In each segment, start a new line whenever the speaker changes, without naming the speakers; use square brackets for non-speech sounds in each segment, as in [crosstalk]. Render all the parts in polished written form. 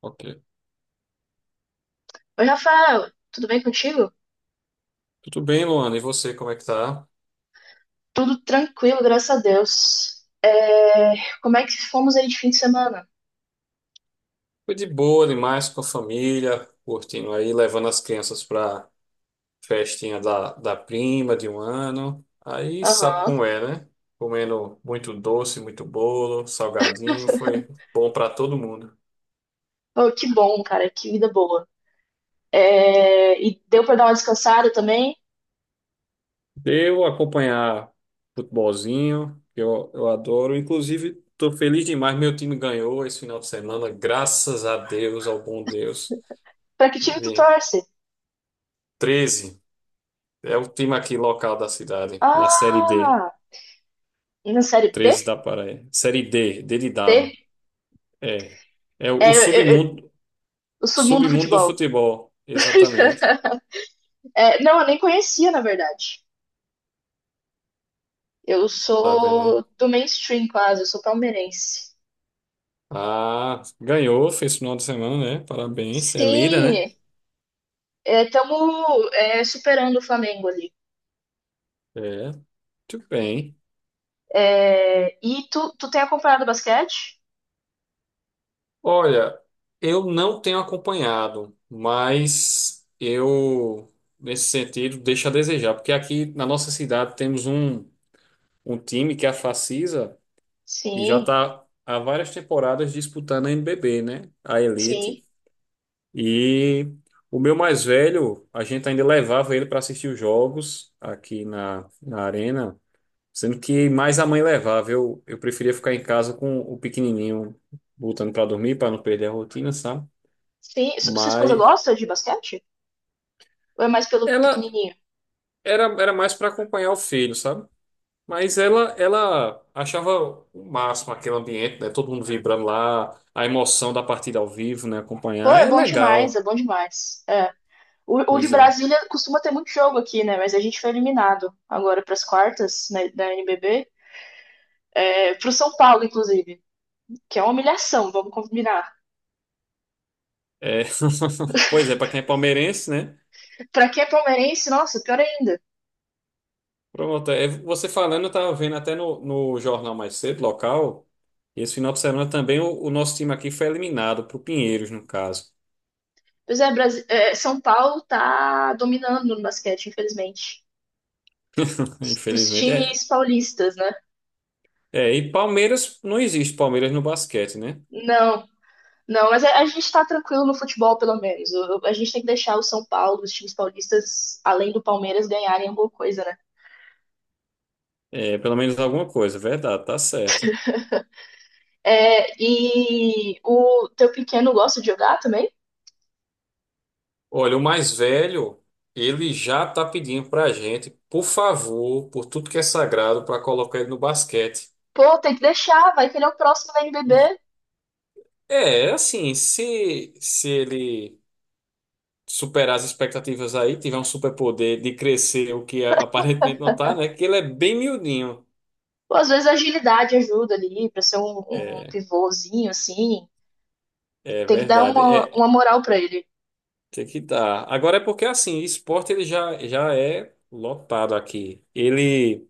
Ok.
Oi, Rafael, tudo bem contigo?
Tudo bem, Luana? E você, como é que tá?
Tudo tranquilo, graças a Deus. Como é que fomos aí de fim de semana?
Foi de boa demais com a família, curtindo aí, levando as crianças pra festinha da prima de um ano. Aí sabe
Aham.
como é, né? Comendo muito doce, muito bolo, salgadinho, foi bom pra todo mundo.
Pô, que bom, cara, que vida boa. E deu pra dar uma descansada também?
Deu acompanhar futebolzinho, que eu adoro. Inclusive, estou feliz demais, meu time ganhou esse final de semana, graças a Deus, ao bom Deus.
Pra que time tu
Vi
torce?
treze. É o time aqui local da cidade, na Série D,
Ah, na série B?
13 da Paraíba. Série D, D de dado.
D?
É. É o
É, eu- eu- eu-
submundo,
o submundo do
submundo do
futebol.
futebol, exatamente.
[laughs] É, não, eu nem conhecia, na verdade. Eu
Tá vendo, né?
sou do mainstream quase, eu sou palmeirense.
Ah, ganhou, fez final de semana, né? Parabéns. É líder, né?
Sim, estamos superando o Flamengo ali.
É, muito bem.
É, e tu tem acompanhado basquete?
Olha, eu não tenho acompanhado, mas eu, nesse sentido, deixo a desejar, porque aqui na nossa cidade temos um, um time que é a Facisa que já
Sim,
está há várias temporadas disputando a NBB, né? A Elite.
sim,
E o meu mais velho, a gente ainda levava ele para assistir os jogos aqui na, na arena, sendo que mais a mãe levava. Eu preferia ficar em casa com o pequenininho, botando para dormir, para não perder a rotina, sabe?
sim. Sua esposa
Mas
gosta de basquete? Ou é mais pelo
ela
pequenininho?
era mais para acompanhar o filho, sabe? Mas ela achava o máximo aquele ambiente, né? Todo mundo vibrando lá, a emoção da partida ao vivo, né?
Pô,
Acompanhar
é
é
bom demais,
legal.
é bom demais. É. O de
Pois é.
Brasília costuma ter muito jogo aqui, né? Mas a gente foi eliminado agora para as quartas, né, da NBB. É, pro São Paulo, inclusive. Que é uma humilhação, vamos combinar.
É. [laughs] Pois é, para quem é palmeirense, né?
Pra quem é palmeirense, nossa, pior ainda.
Pronto, é, você falando, eu tava vendo até no, no jornal mais cedo, local, e esse final de semana também o nosso time aqui foi eliminado pro Pinheiros, no caso.
Pois é, São Paulo tá dominando no basquete, infelizmente.
[laughs]
Os
Infelizmente. É,
times paulistas, né?
é, e Palmeiras, não existe Palmeiras no basquete, né?
Não, não, mas a gente tá tranquilo no futebol, pelo menos. A gente tem que deixar o São Paulo, os times paulistas, além do Palmeiras, ganharem alguma coisa, né?
É, pelo menos alguma coisa, é verdade, tá certa.
É, e o teu pequeno gosta de jogar também?
Olha, o mais velho, ele já tá pedindo pra gente, por favor, por tudo que é sagrado, para colocar ele no basquete.
Pô, tem que deixar, vai que ele é o próximo da NBB.
É, assim, se ele superar as expectativas aí, tiver um superpoder de crescer, o que aparentemente não tá, né? Que ele é bem miudinho.
Pô, às vezes a agilidade ajuda ali, pra ser um pivôzinho, assim.
É
Tem que dar
verdade,
uma,
é,
uma moral pra ele.
tem que dar. Agora é porque, assim, esporte ele já é lotado aqui. Ele,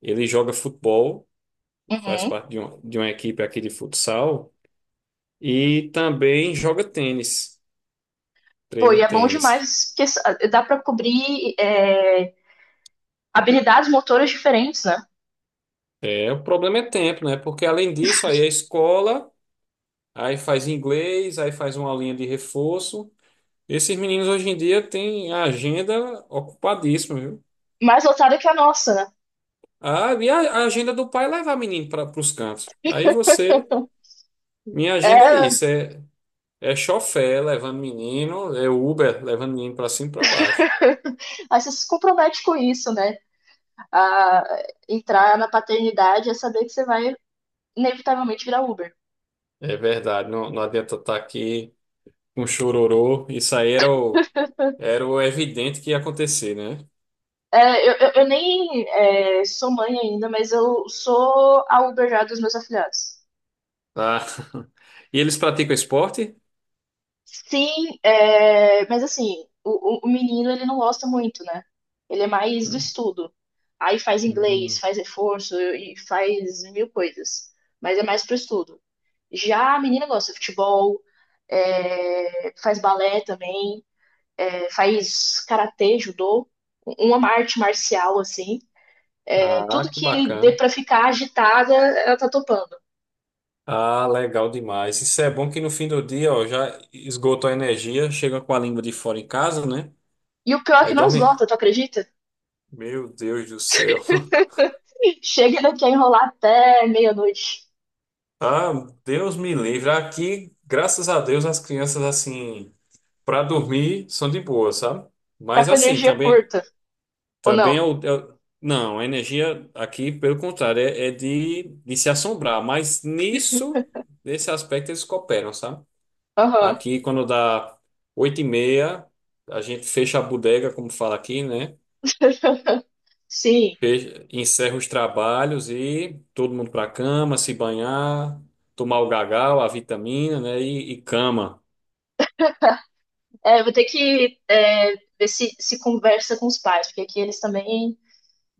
ele joga futebol, faz
Uhum.
parte de uma equipe aqui de futsal. E também joga tênis,
Pô,
treina
e é bom
tênis.
demais, dá pra cobrir habilidades motoras diferentes, né?
É, o problema é tempo, né? Porque além disso, aí a escola, aí faz inglês, aí faz uma linha de reforço. Esses meninos hoje em dia têm a agenda ocupadíssima, viu?
Mais lotada que a nossa, né?
Ah, e a agenda do pai é levar menino para os cantos. Aí você,
Então,
minha agenda é
é,
isso, é, é chofé levando menino, é Uber levando menino para cima e para baixo.
[laughs] aí você se compromete com isso, né? A entrar na paternidade é saber que você vai inevitavelmente virar Uber.
É verdade, não, não adianta estar aqui com chororô. Isso aí era o Era o evidente que ia acontecer, né?
É, eu nem é, sou mãe ainda, mas eu sou a Uber já dos meus afilhados.
Ah. [laughs] E eles praticam esporte?
Sim, é, mas assim, o menino ele não gosta muito, né? Ele é mais do
Hum.
estudo. Aí faz inglês,
Hum.
faz reforço e faz mil coisas. Mas é mais pro estudo. Já a menina gosta de futebol, é, faz balé também. É, faz karatê, judô, uma arte marcial, assim. É,
Ah,
tudo
que
que dê
bacana.
pra ficar agitada, ela tá topando.
Ah, legal demais. Isso é bom que no fim do dia, ó, já esgotou a energia, chega com a língua de fora em casa, né?
E o pior é
Aí
que não
dorme.
esgota, tu acredita?
Meu Deus do céu. [laughs]
[laughs] Chega daqui a enrolar até meia-noite.
Ah, Deus me livre. Aqui, graças a Deus, as crianças, assim, para dormir são de boa, sabe?
Tá
Mas
com
assim,
energia
também.
curta, ou não?
Também é não, a energia aqui, pelo contrário, é, é de se assombrar, mas nisso, nesse aspecto, eles cooperam, sabe?
Aham.
Aqui, quando dá oito e meia, a gente fecha a bodega, como fala aqui, né?
[laughs] Sim.
Encerra os trabalhos e todo mundo para cama, se banhar, tomar o gagal, a vitamina, né? E cama.
É, vou ter que ver se conversa com os pais, porque aqui eles também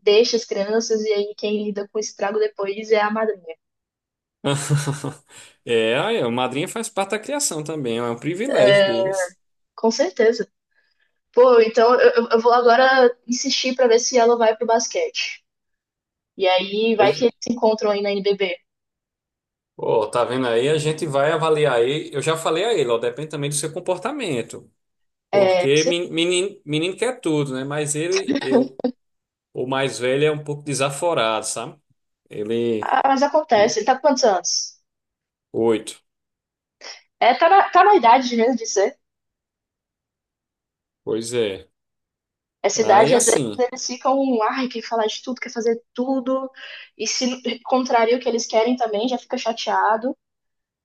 deixam as crianças e aí quem lida com o estrago depois é a madrinha.
[laughs] É, aí a madrinha faz parte da criação também, é um privilégio deles.
Com certeza. Pô, então eu vou agora insistir pra ver se ela vai pro basquete. E aí vai
Pois
que eles se encontram aí na NBB.
Pô, tá vendo aí? A gente vai avaliar aí. Eu já falei a ele, ó, depende também do seu comportamento.
É,
Porque menino, menino quer tudo, né? Mas ele, eu, o mais velho é um pouco desaforado, sabe? Ele,
ah, mas
hum,
acontece, ele tá com quantos anos?
oito.
É, tá na idade mesmo de ser.
Pois é.
Essa
Aí
idade, às vezes,
assim,
eles ficam, ai, quer falar de tudo, quer fazer tudo. E se contraria o que eles querem também, já fica chateado.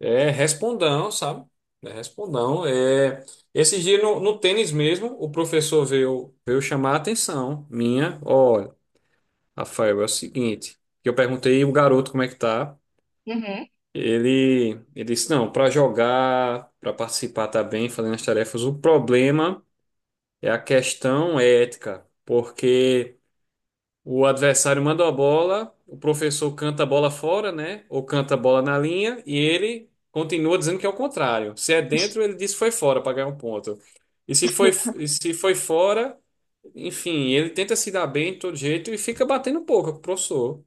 é respondão, sabe? É respondão. É... esse dia no, no tênis mesmo, o professor veio, veio chamar a atenção minha. Olha, Rafael, é o seguinte. Que Eu perguntei o garoto como é que tá.
Uhum.
Ele disse, não, para jogar, para participar tá bem, fazendo as tarefas, o problema é a questão ética, porque o adversário manda a bola, o professor canta a bola fora, né? Ou canta a bola na linha, e ele continua dizendo que é o contrário. Se é dentro, ele diz que foi fora para ganhar um ponto. E se foi, e se foi fora, enfim, ele tenta se dar bem de todo jeito e fica batendo boca com o professor.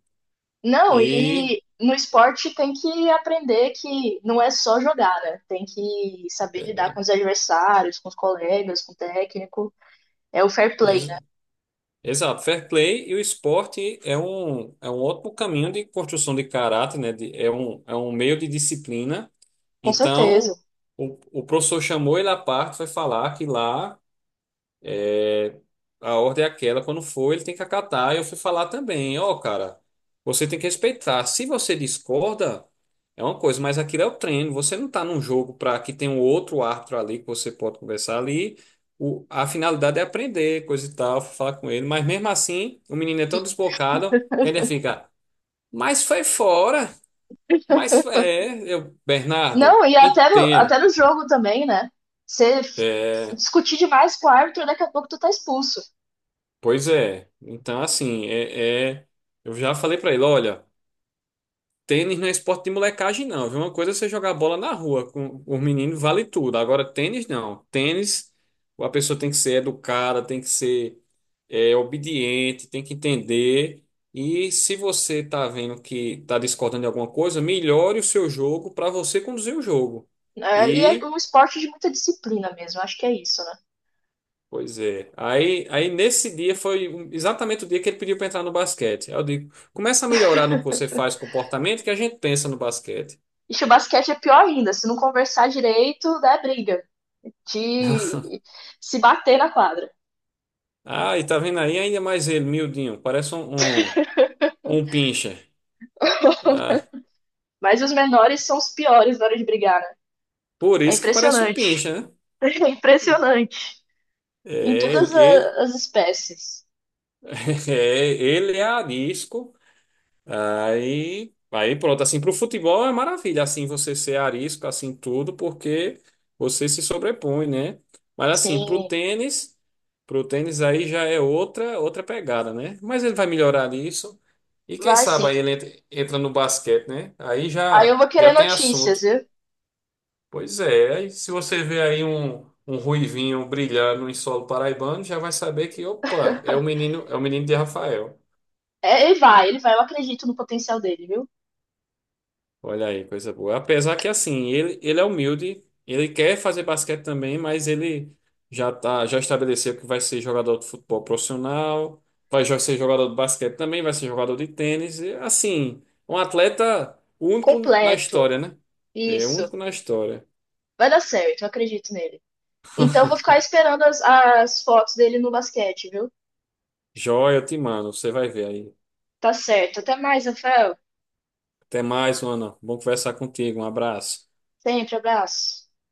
Não,
E
e no esporte tem que aprender que não é só jogar, né? Tem que saber lidar com os adversários, com os colegas, com o técnico. É o fair play, né?
Exato, fair play e o esporte é um ótimo caminho de construção de caráter, né? É um, é um meio de disciplina.
Com certeza.
Então, o professor chamou ele à parte, foi falar que lá. A ordem é aquela, quando for, ele tem que acatar. Eu fui falar também, ó, cara, você tem que respeitar. Se você discorda, é uma coisa, mas aquilo é o treino. Você não tá num jogo para que tem um outro árbitro ali que você pode conversar ali. A finalidade é aprender, coisa e tal, fui falar com ele. Mas mesmo assim, o menino é tão
E-
desbocado que ainda
[laughs]
fica, mas foi fora, é, eu, Bernardo,
não, e
entendo.
até no jogo também, né? Você f-
É,
Discutir demais com o árbitro, daqui a pouco tu tá expulso.
pois é. Então, assim, eu já falei para ele, olha. Tênis não é esporte de molecagem, não, viu? Uma coisa é você jogar bola na rua com os meninos, vale tudo. Agora, tênis, não. Tênis, a pessoa tem que ser educada, tem que ser obediente, tem que entender. E se você tá vendo que tá discordando de alguma coisa, melhore o seu jogo para você conduzir o jogo.
Né? E é
E,
um esporte de muita disciplina mesmo, acho que é isso, né?
Pois é. Aí nesse dia foi exatamente o dia que ele pediu para entrar no basquete. Aí eu digo, começa a melhorar no que você faz, comportamento, que a gente pensa no basquete.
E o basquete é pior ainda, se não conversar direito, dá briga. De se bater na quadra.
Ah, e tá vendo aí ainda mais ele, miudinho. Parece um, um, um pincher. Ah,
[laughs] Mas os menores são os piores na hora de brigar, né?
por
É
isso que parece um
impressionante. [laughs]
pincher, né?
É impressionante.
É, ele, ele-
As espécies.
[laughs] é, ele é arisco. Aí pronto, assim, pro futebol é maravilha, assim, você ser arisco, assim, tudo, porque você se sobrepõe, né? Mas assim,
Sim,
pro tênis aí já é outra, outra pegada, né? Mas ele vai melhorar isso. E quem
vai
sabe
sim.
aí ele entra no basquete, né? Aí
Aí eu
já,
vou
já
querer
tem
notícias,
assunto.
viu?
Pois é, e se você vê aí um ruivinho brilhando em solo paraibano, já vai saber que, opa, é o menino de Rafael.
É, ele vai. Eu acredito no potencial dele, viu?
Olha aí, coisa boa. Apesar que assim, ele é humilde, ele quer fazer basquete também, mas ele já tá, já estabeleceu que vai ser jogador de futebol profissional, ser jogador de basquete também, vai ser jogador de tênis, e, assim, um atleta único na
Completo.
história, né? É
Isso.
único na história.
Vai dar certo, eu acredito nele. Então eu vou ficar esperando as fotos dele no basquete, viu?
Joia, eu te mando, você vai ver aí.
Tá certo. Até mais, Rafael.
Até mais, Ana. Bom conversar contigo. Um abraço.
Sempre, abraço.